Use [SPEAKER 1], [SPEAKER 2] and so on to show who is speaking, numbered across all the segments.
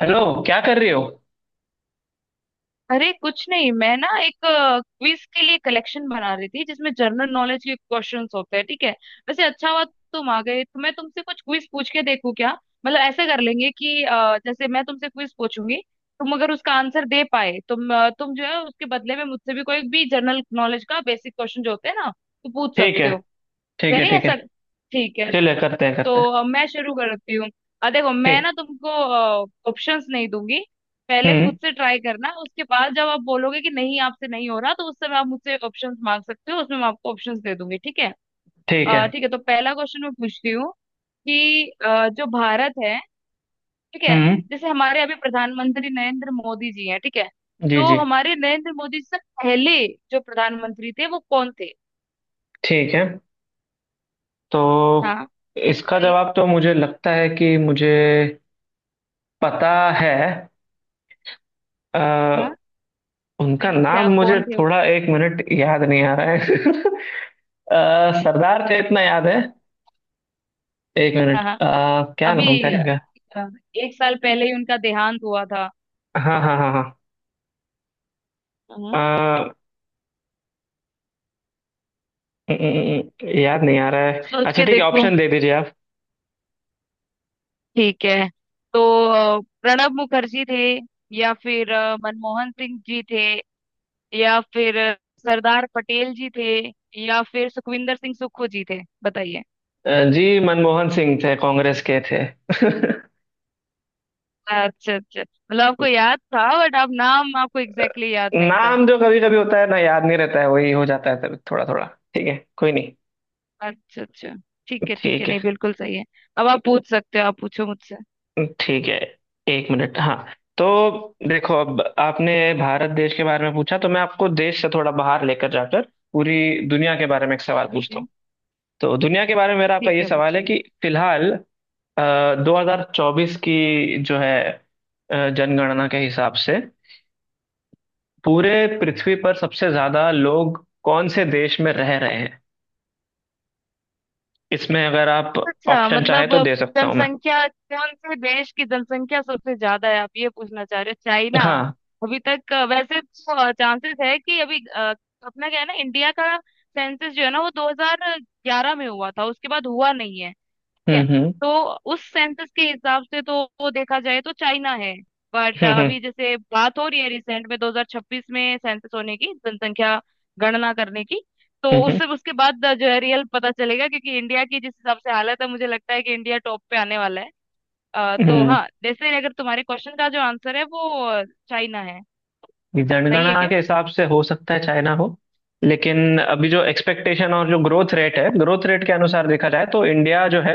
[SPEAKER 1] Hello. क्या कर रहे हो।
[SPEAKER 2] अरे कुछ नहीं, मैं ना एक क्विज के लिए कलेक्शन बना रही थी जिसमें जनरल नॉलेज के क्वेश्चंस होते हैं, ठीक है। वैसे अच्छा हुआ तुम आ गए तो मैं तुमसे कुछ क्विज पूछ के देखूं क्या। मतलब ऐसा कर लेंगे कि जैसे मैं तुमसे क्विज पूछूंगी। तुम अगर उसका आंसर दे पाए तुम जो है उसके बदले में मुझसे भी कोई भी जनरल नॉलेज का बेसिक क्वेश्चन जो होते हैं ना तो पूछ
[SPEAKER 1] ठीक
[SPEAKER 2] सकते
[SPEAKER 1] है।
[SPEAKER 2] हो।
[SPEAKER 1] ठीक है।
[SPEAKER 2] करें
[SPEAKER 1] ठीक है,
[SPEAKER 2] ऐसा? ठीक है।
[SPEAKER 1] चलिए करते हैं करते हैं।
[SPEAKER 2] तो मैं शुरू करती हूँ। देखो, मैं
[SPEAKER 1] ठीक।
[SPEAKER 2] ना तुमको ऑप्शंस नहीं दूंगी। पहले खुद
[SPEAKER 1] हम्म।
[SPEAKER 2] से ट्राई करना, उसके बाद जब आप बोलोगे कि नहीं, आपसे नहीं हो रहा तो उस समय आप मुझसे ऑप्शंस मांग सकते हो, उसमें मैं आपको ऑप्शंस दे दूंगी, ठीक है।
[SPEAKER 1] ठीक है।
[SPEAKER 2] ठीक है, तो पहला क्वेश्चन मैं पूछती हूँ कि जो भारत है, ठीक है।
[SPEAKER 1] हम्म।
[SPEAKER 2] जैसे हमारे अभी प्रधानमंत्री नरेंद्र मोदी जी हैं, ठीक है।
[SPEAKER 1] जी
[SPEAKER 2] तो
[SPEAKER 1] जी।
[SPEAKER 2] हमारे नरेंद्र मोदी जी से पहले जो प्रधानमंत्री थे वो कौन थे?
[SPEAKER 1] ठीक है। तो
[SPEAKER 2] हाँ,
[SPEAKER 1] इसका
[SPEAKER 2] बताइए।
[SPEAKER 1] जवाब तो मुझे लगता है कि मुझे पता है। अ,
[SPEAKER 2] अच्छा,
[SPEAKER 1] उनका
[SPEAKER 2] बताइए,
[SPEAKER 1] नाम
[SPEAKER 2] क्या
[SPEAKER 1] मुझे
[SPEAKER 2] कौन थे वो?
[SPEAKER 1] थोड़ा एक मिनट याद नहीं आ रहा है। अ, सरदार का इतना याद है। एक
[SPEAKER 2] हाँ
[SPEAKER 1] मिनट,
[SPEAKER 2] हाँ।
[SPEAKER 1] क्या नाम था
[SPEAKER 2] अभी अ,
[SPEAKER 1] इनका।
[SPEAKER 2] एक साल पहले ही उनका देहांत हुआ था।
[SPEAKER 1] हाँ हाँ हाँ हाँ।
[SPEAKER 2] हम्म।
[SPEAKER 1] अ, याद नहीं आ रहा है।
[SPEAKER 2] सोच
[SPEAKER 1] अच्छा
[SPEAKER 2] के
[SPEAKER 1] ठीक है,
[SPEAKER 2] देखो,
[SPEAKER 1] ऑप्शन दे दीजिए।
[SPEAKER 2] ठीक है। तो प्रणब मुखर्जी थे, या फिर मनमोहन सिंह जी थे, या फिर सरदार पटेल जी थे, या फिर सुखविंदर सिंह सुक्खू जी थे, बताइए।
[SPEAKER 1] जी मनमोहन सिंह थे, कांग्रेस के थे।
[SPEAKER 2] अच्छा अच्छा, मतलब आपको याद था बट आप नाम, आपको एग्जैक्टली exactly याद नहीं था।
[SPEAKER 1] नाम जो कभी कभी होता है ना याद नहीं रहता है वही हो जाता है, तभी थोड़ा थोड़ा। ठीक है, कोई नहीं।
[SPEAKER 2] अच्छा अच्छा, ठीक है ठीक है,
[SPEAKER 1] ठीक है
[SPEAKER 2] नहीं बिल्कुल सही है। अब आप पूछ सकते हो, आप पूछो मुझसे।
[SPEAKER 1] ठीक है। एक मिनट हाँ। तो देखो, अब आपने भारत देश के बारे में पूछा तो मैं आपको देश से थोड़ा बाहर लेकर जाकर पूरी दुनिया के बारे में एक सवाल पूछता हूँ। तो दुनिया के बारे में मेरा आपका
[SPEAKER 2] ठीक
[SPEAKER 1] ये
[SPEAKER 2] है,
[SPEAKER 1] सवाल है
[SPEAKER 2] पूछिए।
[SPEAKER 1] कि फिलहाल 2024 की जो है जनगणना के हिसाब से पूरे पृथ्वी पर सबसे ज्यादा लोग कौन से देश में रह रहे हैं। इसमें अगर आप
[SPEAKER 2] अच्छा,
[SPEAKER 1] ऑप्शन चाहे
[SPEAKER 2] मतलब
[SPEAKER 1] तो दे सकता हूं मैं।
[SPEAKER 2] जनसंख्या, कौन से देश की जनसंख्या सबसे ज्यादा है, आप ये पूछना चाह रहे हो? चाइना।
[SPEAKER 1] हाँ।
[SPEAKER 2] अभी तक वैसे तो चांसेस है कि अभी अपना क्या है ना, इंडिया का सेंसस जो है ना वो 2011 में हुआ था, उसके बाद हुआ नहीं है। है।
[SPEAKER 1] हम्म।
[SPEAKER 2] तो उस सेंसस के हिसाब से तो वो देखा जाए तो चाइना है। बट
[SPEAKER 1] हम्म।
[SPEAKER 2] अभी जैसे बात हो रही है रिसेंट में, 2026 में सेंसस होने की, जनसंख्या गणना करने की, तो
[SPEAKER 1] हम्म हम्म,
[SPEAKER 2] उससे उसके बाद जो है रियल पता चलेगा, क्योंकि इंडिया की जिस हिसाब से हालत है, मुझे लगता है कि इंडिया टॉप पे आने वाला है।
[SPEAKER 1] हम्म,
[SPEAKER 2] तो
[SPEAKER 1] हम्म।
[SPEAKER 2] हाँ, जैसे अगर तुम्हारे क्वेश्चन का जो आंसर है, वो चाइना है। सही है
[SPEAKER 1] जनगणना
[SPEAKER 2] क्या?
[SPEAKER 1] के हिसाब से हो सकता है चाइना हो, लेकिन अभी जो एक्सपेक्टेशन और जो ग्रोथ रेट है, ग्रोथ रेट के अनुसार देखा जाए तो इंडिया जो है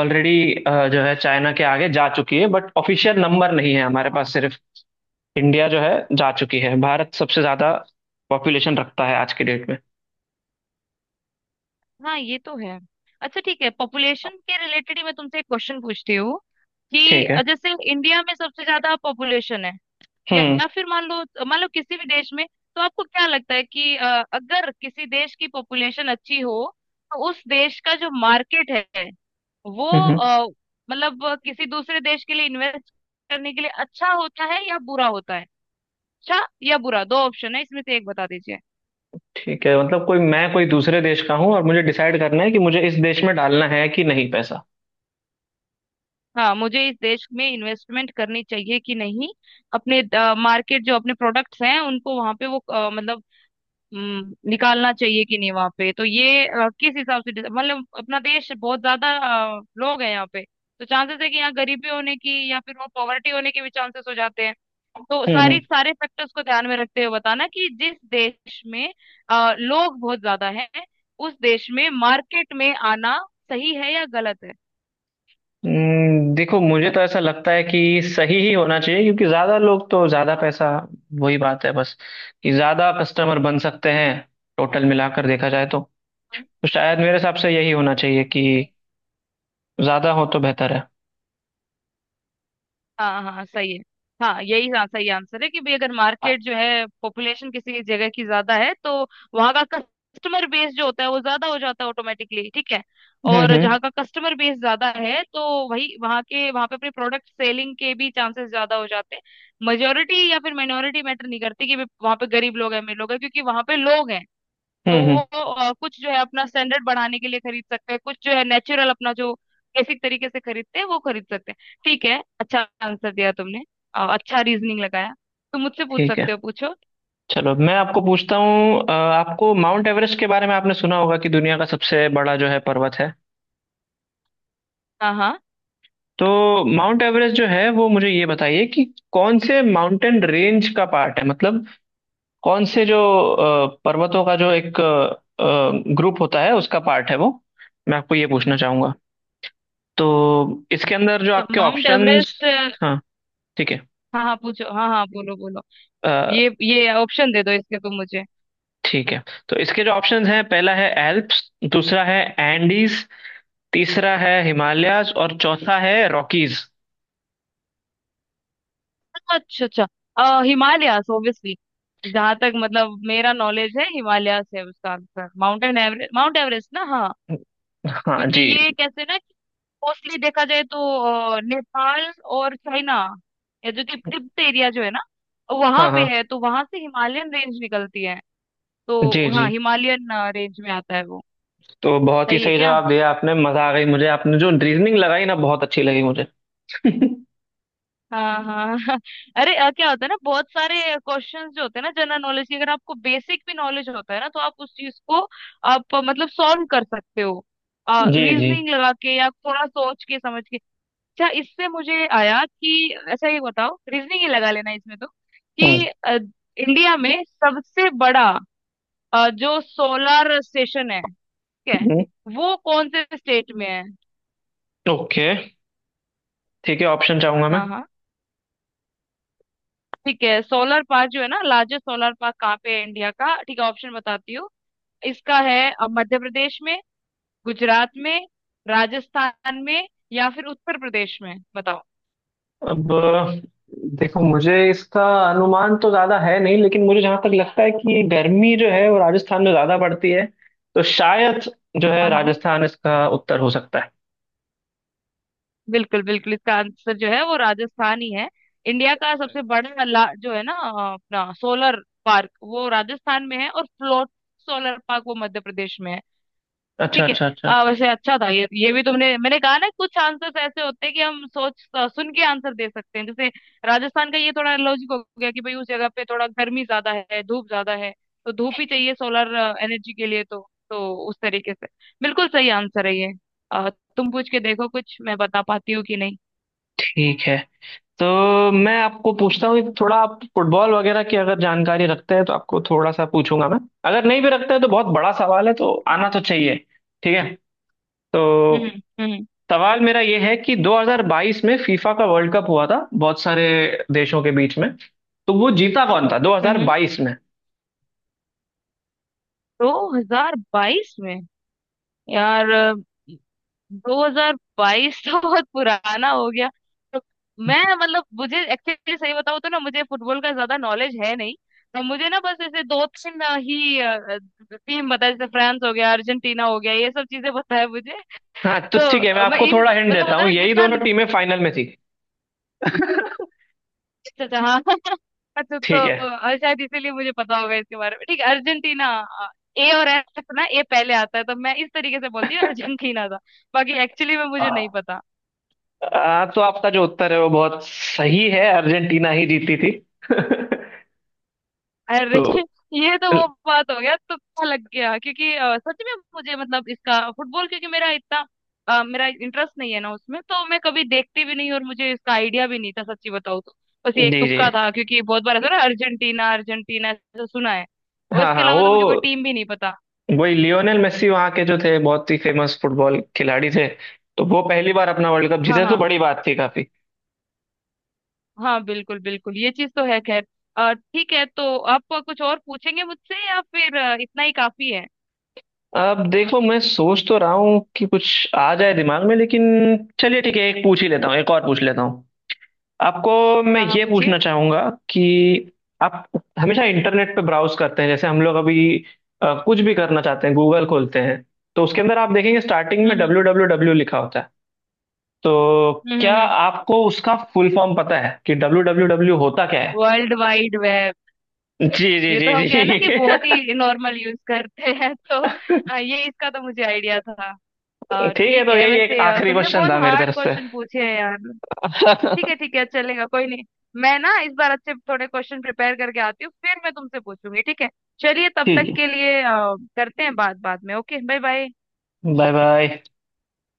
[SPEAKER 1] ऑलरेडी जो है चाइना के आगे जा चुकी है। बट ऑफिशियल नंबर नहीं है हमारे पास। सिर्फ इंडिया जो है जा चुकी है। भारत सबसे ज्यादा पॉपुलेशन रखता है आज के डेट में।
[SPEAKER 2] हाँ, ये तो है। अच्छा ठीक है, पॉपुलेशन के रिलेटेड ही मैं तुमसे एक क्वेश्चन पूछती हूँ कि
[SPEAKER 1] ठीक है।
[SPEAKER 2] जैसे इंडिया में सबसे ज्यादा पॉपुलेशन है, या
[SPEAKER 1] हम्म
[SPEAKER 2] या फिर मान लो किसी भी देश में। तो आपको क्या लगता है कि अगर किसी देश की पॉपुलेशन अच्छी हो, तो उस देश का जो मार्केट है वो,
[SPEAKER 1] हम्म। हम्म।
[SPEAKER 2] मतलब किसी दूसरे देश के लिए इन्वेस्ट करने के लिए अच्छा होता है या बुरा होता है? अच्छा या बुरा, दो ऑप्शन है, इसमें से एक बता दीजिए।
[SPEAKER 1] ठीक है, मतलब कोई मैं कोई दूसरे देश का हूँ और मुझे डिसाइड करना है कि मुझे इस देश में डालना है कि नहीं पैसा।
[SPEAKER 2] हाँ, मुझे इस देश में इन्वेस्टमेंट करनी चाहिए कि नहीं, अपने मार्केट, जो अपने प्रोडक्ट्स हैं उनको वहां पे वो मतलब निकालना चाहिए कि नहीं वहां पे। तो ये किस हिसाब से मतलब अपना देश बहुत ज्यादा, लोग हैं यहाँ पे। तो चांसेस है कि यहाँ गरीबी होने की, या फिर वो पॉवर्टी होने के भी चांसेस हो जाते हैं। तो सारी
[SPEAKER 1] हम्म।
[SPEAKER 2] सारे फैक्टर्स को ध्यान में रखते हुए बताना कि जिस देश में लोग बहुत ज्यादा हैं, उस देश में मार्केट में आना सही है या गलत है।
[SPEAKER 1] देखो मुझे तो ऐसा लगता है कि सही ही होना चाहिए, क्योंकि ज्यादा लोग तो ज्यादा पैसा। वही बात है बस, कि ज्यादा कस्टमर बन सकते हैं। टोटल मिलाकर देखा जाए तो शायद मेरे हिसाब से यही होना चाहिए कि
[SPEAKER 2] बिल्कुल।
[SPEAKER 1] ज्यादा हो तो बेहतर है।
[SPEAKER 2] हाँ हाँ हाँ, सही है। हाँ, यही हाँ, सही आंसर है कि भाई, अगर मार्केट जो है, पॉपुलेशन किसी जगह की ज्यादा है, तो वहां का कस्टमर बेस जो होता है वो ज्यादा हो जाता है ऑटोमेटिकली, ठीक है। और
[SPEAKER 1] हम्म।
[SPEAKER 2] जहाँ का कस्टमर बेस ज्यादा है, तो वही वहाँ के वहाँ पे अपने प्रोडक्ट सेलिंग के भी चांसेस ज्यादा हो जाते हैं। मेजोरिटी या फिर माइनॉरिटी मैटर नहीं करती कि भाई वहाँ पे गरीब लोग हैं अमीर लोग हैं, क्योंकि वहाँ पे लोग हैं, तो
[SPEAKER 1] हम्म
[SPEAKER 2] वो
[SPEAKER 1] हम्म,
[SPEAKER 2] कुछ जो है अपना स्टैंडर्ड बढ़ाने के लिए खरीद सकते हैं, कुछ जो है नेचुरल अपना जो बेसिक तरीके से खरीदते हैं वो खरीद सकते हैं। ठीक है, अच्छा आंसर दिया तुमने। अच्छा रीजनिंग लगाया। तुम मुझसे पूछ
[SPEAKER 1] ठीक है।
[SPEAKER 2] सकते हो, पूछो।
[SPEAKER 1] चलो मैं आपको पूछता हूँ, आपको माउंट एवरेस्ट के बारे में आपने सुना होगा कि दुनिया का सबसे बड़ा जो है पर्वत है।
[SPEAKER 2] हाँ हाँ,
[SPEAKER 1] तो माउंट एवरेस्ट जो है वो मुझे ये बताइए कि कौन से माउंटेन रेंज का पार्ट है, मतलब कौन से पर्वतों का जो एक ग्रुप होता है उसका पार्ट है वो। मैं आपको ये पूछना चाहूंगा। तो इसके अंदर जो
[SPEAKER 2] तो
[SPEAKER 1] आपके
[SPEAKER 2] माउंट
[SPEAKER 1] ऑप्शंस।
[SPEAKER 2] एवरेस्ट, हाँ।
[SPEAKER 1] हाँ। ठीक है।
[SPEAKER 2] हाँ पूछो, हाँ हाँ, बोलो बोलो।
[SPEAKER 1] अ,
[SPEAKER 2] ये ऑप्शन दे दो इसके, तुम मुझे।
[SPEAKER 1] ठीक है, तो इसके जो ऑप्शंस हैं, पहला है एल्प्स, दूसरा है एंडीज, तीसरा है हिमालयाज और चौथा है रॉकीज।
[SPEAKER 2] अच्छा अच्छा। हिमालयास ऑब्वियसली। जहां तक मतलब मेरा नॉलेज है, हिमालयास है उसका आंसर, माउंट एवरेस्ट ना, हाँ।
[SPEAKER 1] हाँ
[SPEAKER 2] क्योंकि
[SPEAKER 1] जी।
[SPEAKER 2] ये, कैसे ना, मोस्टली देखा जाए तो नेपाल और चाइना, ये जो तिब्बत एरिया जो है ना, वहां
[SPEAKER 1] हाँ
[SPEAKER 2] पे
[SPEAKER 1] हाँ।
[SPEAKER 2] है, तो वहां से हिमालयन रेंज निकलती है।
[SPEAKER 1] जी
[SPEAKER 2] तो हाँ,
[SPEAKER 1] जी।
[SPEAKER 2] हिमालयन रेंज में आता है वो।
[SPEAKER 1] तो बहुत ही
[SPEAKER 2] सही है
[SPEAKER 1] सही
[SPEAKER 2] क्या?
[SPEAKER 1] जवाब दिया आपने, मजा आ गई मुझे। आपने जो रीजनिंग लगाई ना, बहुत अच्छी लगी मुझे।
[SPEAKER 2] हाँ हाँ हाँ। अरे क्या होता है ना, बहुत सारे क्वेश्चंस जो होते हैं ना जनरल नॉलेज के, अगर आपको बेसिक भी नॉलेज होता है ना, तो आप उस चीज को, आप मतलब सॉल्व कर सकते हो,
[SPEAKER 1] जी जी।
[SPEAKER 2] रीजनिंग लगा के या थोड़ा सोच के समझ के। अच्छा, इससे मुझे आया कि अच्छा ये बताओ, रीजनिंग ही लगा लेना इसमें तो, कि इंडिया में सबसे बड़ा जो सोलर स्टेशन है, ठीक है,
[SPEAKER 1] हम्म।
[SPEAKER 2] वो कौन से स्टेट में है?
[SPEAKER 1] ओके ठीक है, ऑप्शन चाहूंगा मैं।
[SPEAKER 2] हाँ हाँ, ठीक है, सोलर पार्क जो है ना, लार्जेस्ट सोलर पार्क कहाँ पे है इंडिया का, ठीक है ऑप्शन बताती हूँ। इसका है मध्य प्रदेश में, गुजरात में, राजस्थान में, या फिर उत्तर प्रदेश में, बताओ।
[SPEAKER 1] अब देखो, मुझे इसका अनुमान तो ज्यादा है नहीं, लेकिन मुझे जहां तक लगता है कि गर्मी जो है वो राजस्थान में ज्यादा पड़ती है, तो शायद जो है
[SPEAKER 2] हाँ हाँ,
[SPEAKER 1] राजस्थान इसका उत्तर हो सकता है।
[SPEAKER 2] बिल्कुल बिल्कुल, इसका आंसर जो है वो राजस्थान ही है। इंडिया का सबसे बड़ा जो है ना, अपना सोलर पार्क वो राजस्थान में है, और फ्लोट सोलर पार्क वो मध्य प्रदेश में है।
[SPEAKER 1] अच्छा
[SPEAKER 2] ठीक है।
[SPEAKER 1] अच्छा अच्छा अच्छा।
[SPEAKER 2] वैसे अच्छा था, ये भी तुमने, मैंने कहा ना, कुछ आंसर्स ऐसे होते हैं कि हम सोच सुन के आंसर दे सकते हैं, जैसे राजस्थान का ये थोड़ा लॉजिक हो गया कि भाई उस जगह पे थोड़ा गर्मी ज्यादा है धूप ज्यादा है, तो धूप ही चाहिए सोलर एनर्जी के लिए, तो उस तरीके से बिल्कुल सही आंसर है ये। अ, तुम पूछ के देखो कुछ मैं बता पाती हूँ कि नहीं।
[SPEAKER 1] ठीक है। तो मैं आपको पूछता हूँ, थोड़ा आप फुटबॉल वगैरह की अगर जानकारी रखते हैं तो आपको थोड़ा सा पूछूंगा मैं। अगर नहीं भी रखते हैं तो बहुत बड़ा सवाल है, तो आना तो चाहिए। ठीक है।
[SPEAKER 2] हम्म
[SPEAKER 1] तो
[SPEAKER 2] हम्म
[SPEAKER 1] सवाल मेरा ये है कि 2022 में फीफा का वर्ल्ड कप हुआ था बहुत सारे देशों के बीच में। तो वो जीता कौन था
[SPEAKER 2] हम्म हम्म।
[SPEAKER 1] 2022 में।
[SPEAKER 2] 2022 में, यार 2022 तो बहुत पुराना हो गया। तो मैं, मतलब, मुझे एक्चुअली सही बताऊं तो ना, मुझे फुटबॉल का ज्यादा नॉलेज है नहीं। तो मुझे ना बस ऐसे दो तीन ही टीम बता, जैसे फ्रांस हो गया, अर्जेंटीना हो गया, ये सब चीजें पता है मुझे।
[SPEAKER 1] हाँ तो
[SPEAKER 2] तो
[SPEAKER 1] ठीक है, मैं
[SPEAKER 2] मैं
[SPEAKER 1] आपको
[SPEAKER 2] इन,
[SPEAKER 1] थोड़ा हिंट
[SPEAKER 2] मतलब
[SPEAKER 1] देता
[SPEAKER 2] होता
[SPEAKER 1] हूँ,
[SPEAKER 2] है ना,
[SPEAKER 1] यही
[SPEAKER 2] जितना,
[SPEAKER 1] दोनों टीमें फाइनल में थी।
[SPEAKER 2] अच्छा अच्छा हाँ अच्छा तो,
[SPEAKER 1] ठीक है।
[SPEAKER 2] और शायद इसीलिए मुझे पता होगा इसके बारे में, ठीक है अर्जेंटीना। A और F ना, A पहले आता है तो मैं इस तरीके से बोलती हूँ, अर्जेंटीना था। बाकी एक्चुअली में मुझे नहीं पता।
[SPEAKER 1] आ, तो आपका जो उत्तर है वो बहुत सही है, अर्जेंटीना ही जीती थी।
[SPEAKER 2] अरे
[SPEAKER 1] तो
[SPEAKER 2] ये तो वो बात हो गया, तुक्का लग गया, क्योंकि सच में मुझे, मतलब इसका फुटबॉल, क्योंकि मेरा इतना मेरा इंटरेस्ट नहीं है ना उसमें, तो मैं कभी देखती भी नहीं और मुझे इसका आइडिया भी नहीं था, सच्ची बताऊँ तो। बस ये एक
[SPEAKER 1] जी जी।
[SPEAKER 2] तुक्का था, क्योंकि बहुत बार ऐसा ना, अर्जेंटीना अर्जेंटीना ऐसा सुना है। और
[SPEAKER 1] हाँ
[SPEAKER 2] इसके
[SPEAKER 1] हाँ,
[SPEAKER 2] अलावा
[SPEAKER 1] वो
[SPEAKER 2] तो मुझे कोई टीम भी नहीं पता।
[SPEAKER 1] वही लियोनेल मेसी वहाँ के जो थे, बहुत ही फेमस फुटबॉल खिलाड़ी थे। तो वो पहली बार अपना वर्ल्ड कप
[SPEAKER 2] हाँ
[SPEAKER 1] जीते तो
[SPEAKER 2] हाँ
[SPEAKER 1] बड़ी बात थी काफी।
[SPEAKER 2] हाँ, बिल्कुल बिल्कुल, ये चीज तो है, खैर ठीक है, तो आप कुछ और पूछेंगे मुझसे या फिर इतना ही काफी है?
[SPEAKER 1] अब देखो, मैं सोच तो रहा हूँ कि कुछ आ जाए दिमाग में, लेकिन चलिए ठीक है, एक पूछ ही लेता हूँ, एक और पूछ लेता हूँ आपको। मैं
[SPEAKER 2] हाँ हाँ,
[SPEAKER 1] ये
[SPEAKER 2] पूछिए।
[SPEAKER 1] पूछना चाहूंगा कि आप हमेशा इंटरनेट पे ब्राउज करते हैं, जैसे हम लोग अभी कुछ भी करना चाहते हैं गूगल खोलते हैं, तो उसके अंदर आप देखेंगे स्टार्टिंग में
[SPEAKER 2] हम्म
[SPEAKER 1] डब्ल्यू डब्ल्यू डब्ल्यू लिखा होता है। तो क्या
[SPEAKER 2] हम्म।
[SPEAKER 1] आपको उसका फुल फॉर्म पता है कि डब्ल्यू डब्ल्यू डब्ल्यू होता क्या है।
[SPEAKER 2] World wide web.
[SPEAKER 1] जी जी
[SPEAKER 2] ये तो
[SPEAKER 1] जी
[SPEAKER 2] हम, क्या है ना कि
[SPEAKER 1] जी।
[SPEAKER 2] बहुत ही नॉर्मल यूज करते हैं, तो ये इसका तो मुझे आइडिया था।
[SPEAKER 1] ठीक है,
[SPEAKER 2] ठीक
[SPEAKER 1] तो
[SPEAKER 2] है,
[SPEAKER 1] यही एक
[SPEAKER 2] वैसे
[SPEAKER 1] आखिरी
[SPEAKER 2] तुमने
[SPEAKER 1] क्वेश्चन
[SPEAKER 2] बहुत
[SPEAKER 1] था मेरी
[SPEAKER 2] हार्ड
[SPEAKER 1] तरफ से।
[SPEAKER 2] क्वेश्चन पूछे हैं यार। ठीक है ठीक है, चलेगा, कोई नहीं, मैं ना इस बार अच्छे थोड़े क्वेश्चन प्रिपेयर करके आती हूँ फिर मैं तुमसे पूछूंगी, ठीक है। चलिए, तब
[SPEAKER 1] ठीक
[SPEAKER 2] तक
[SPEAKER 1] है,
[SPEAKER 2] के लिए करते हैं बात बाद में, okay, bye bye.
[SPEAKER 1] Bye bye.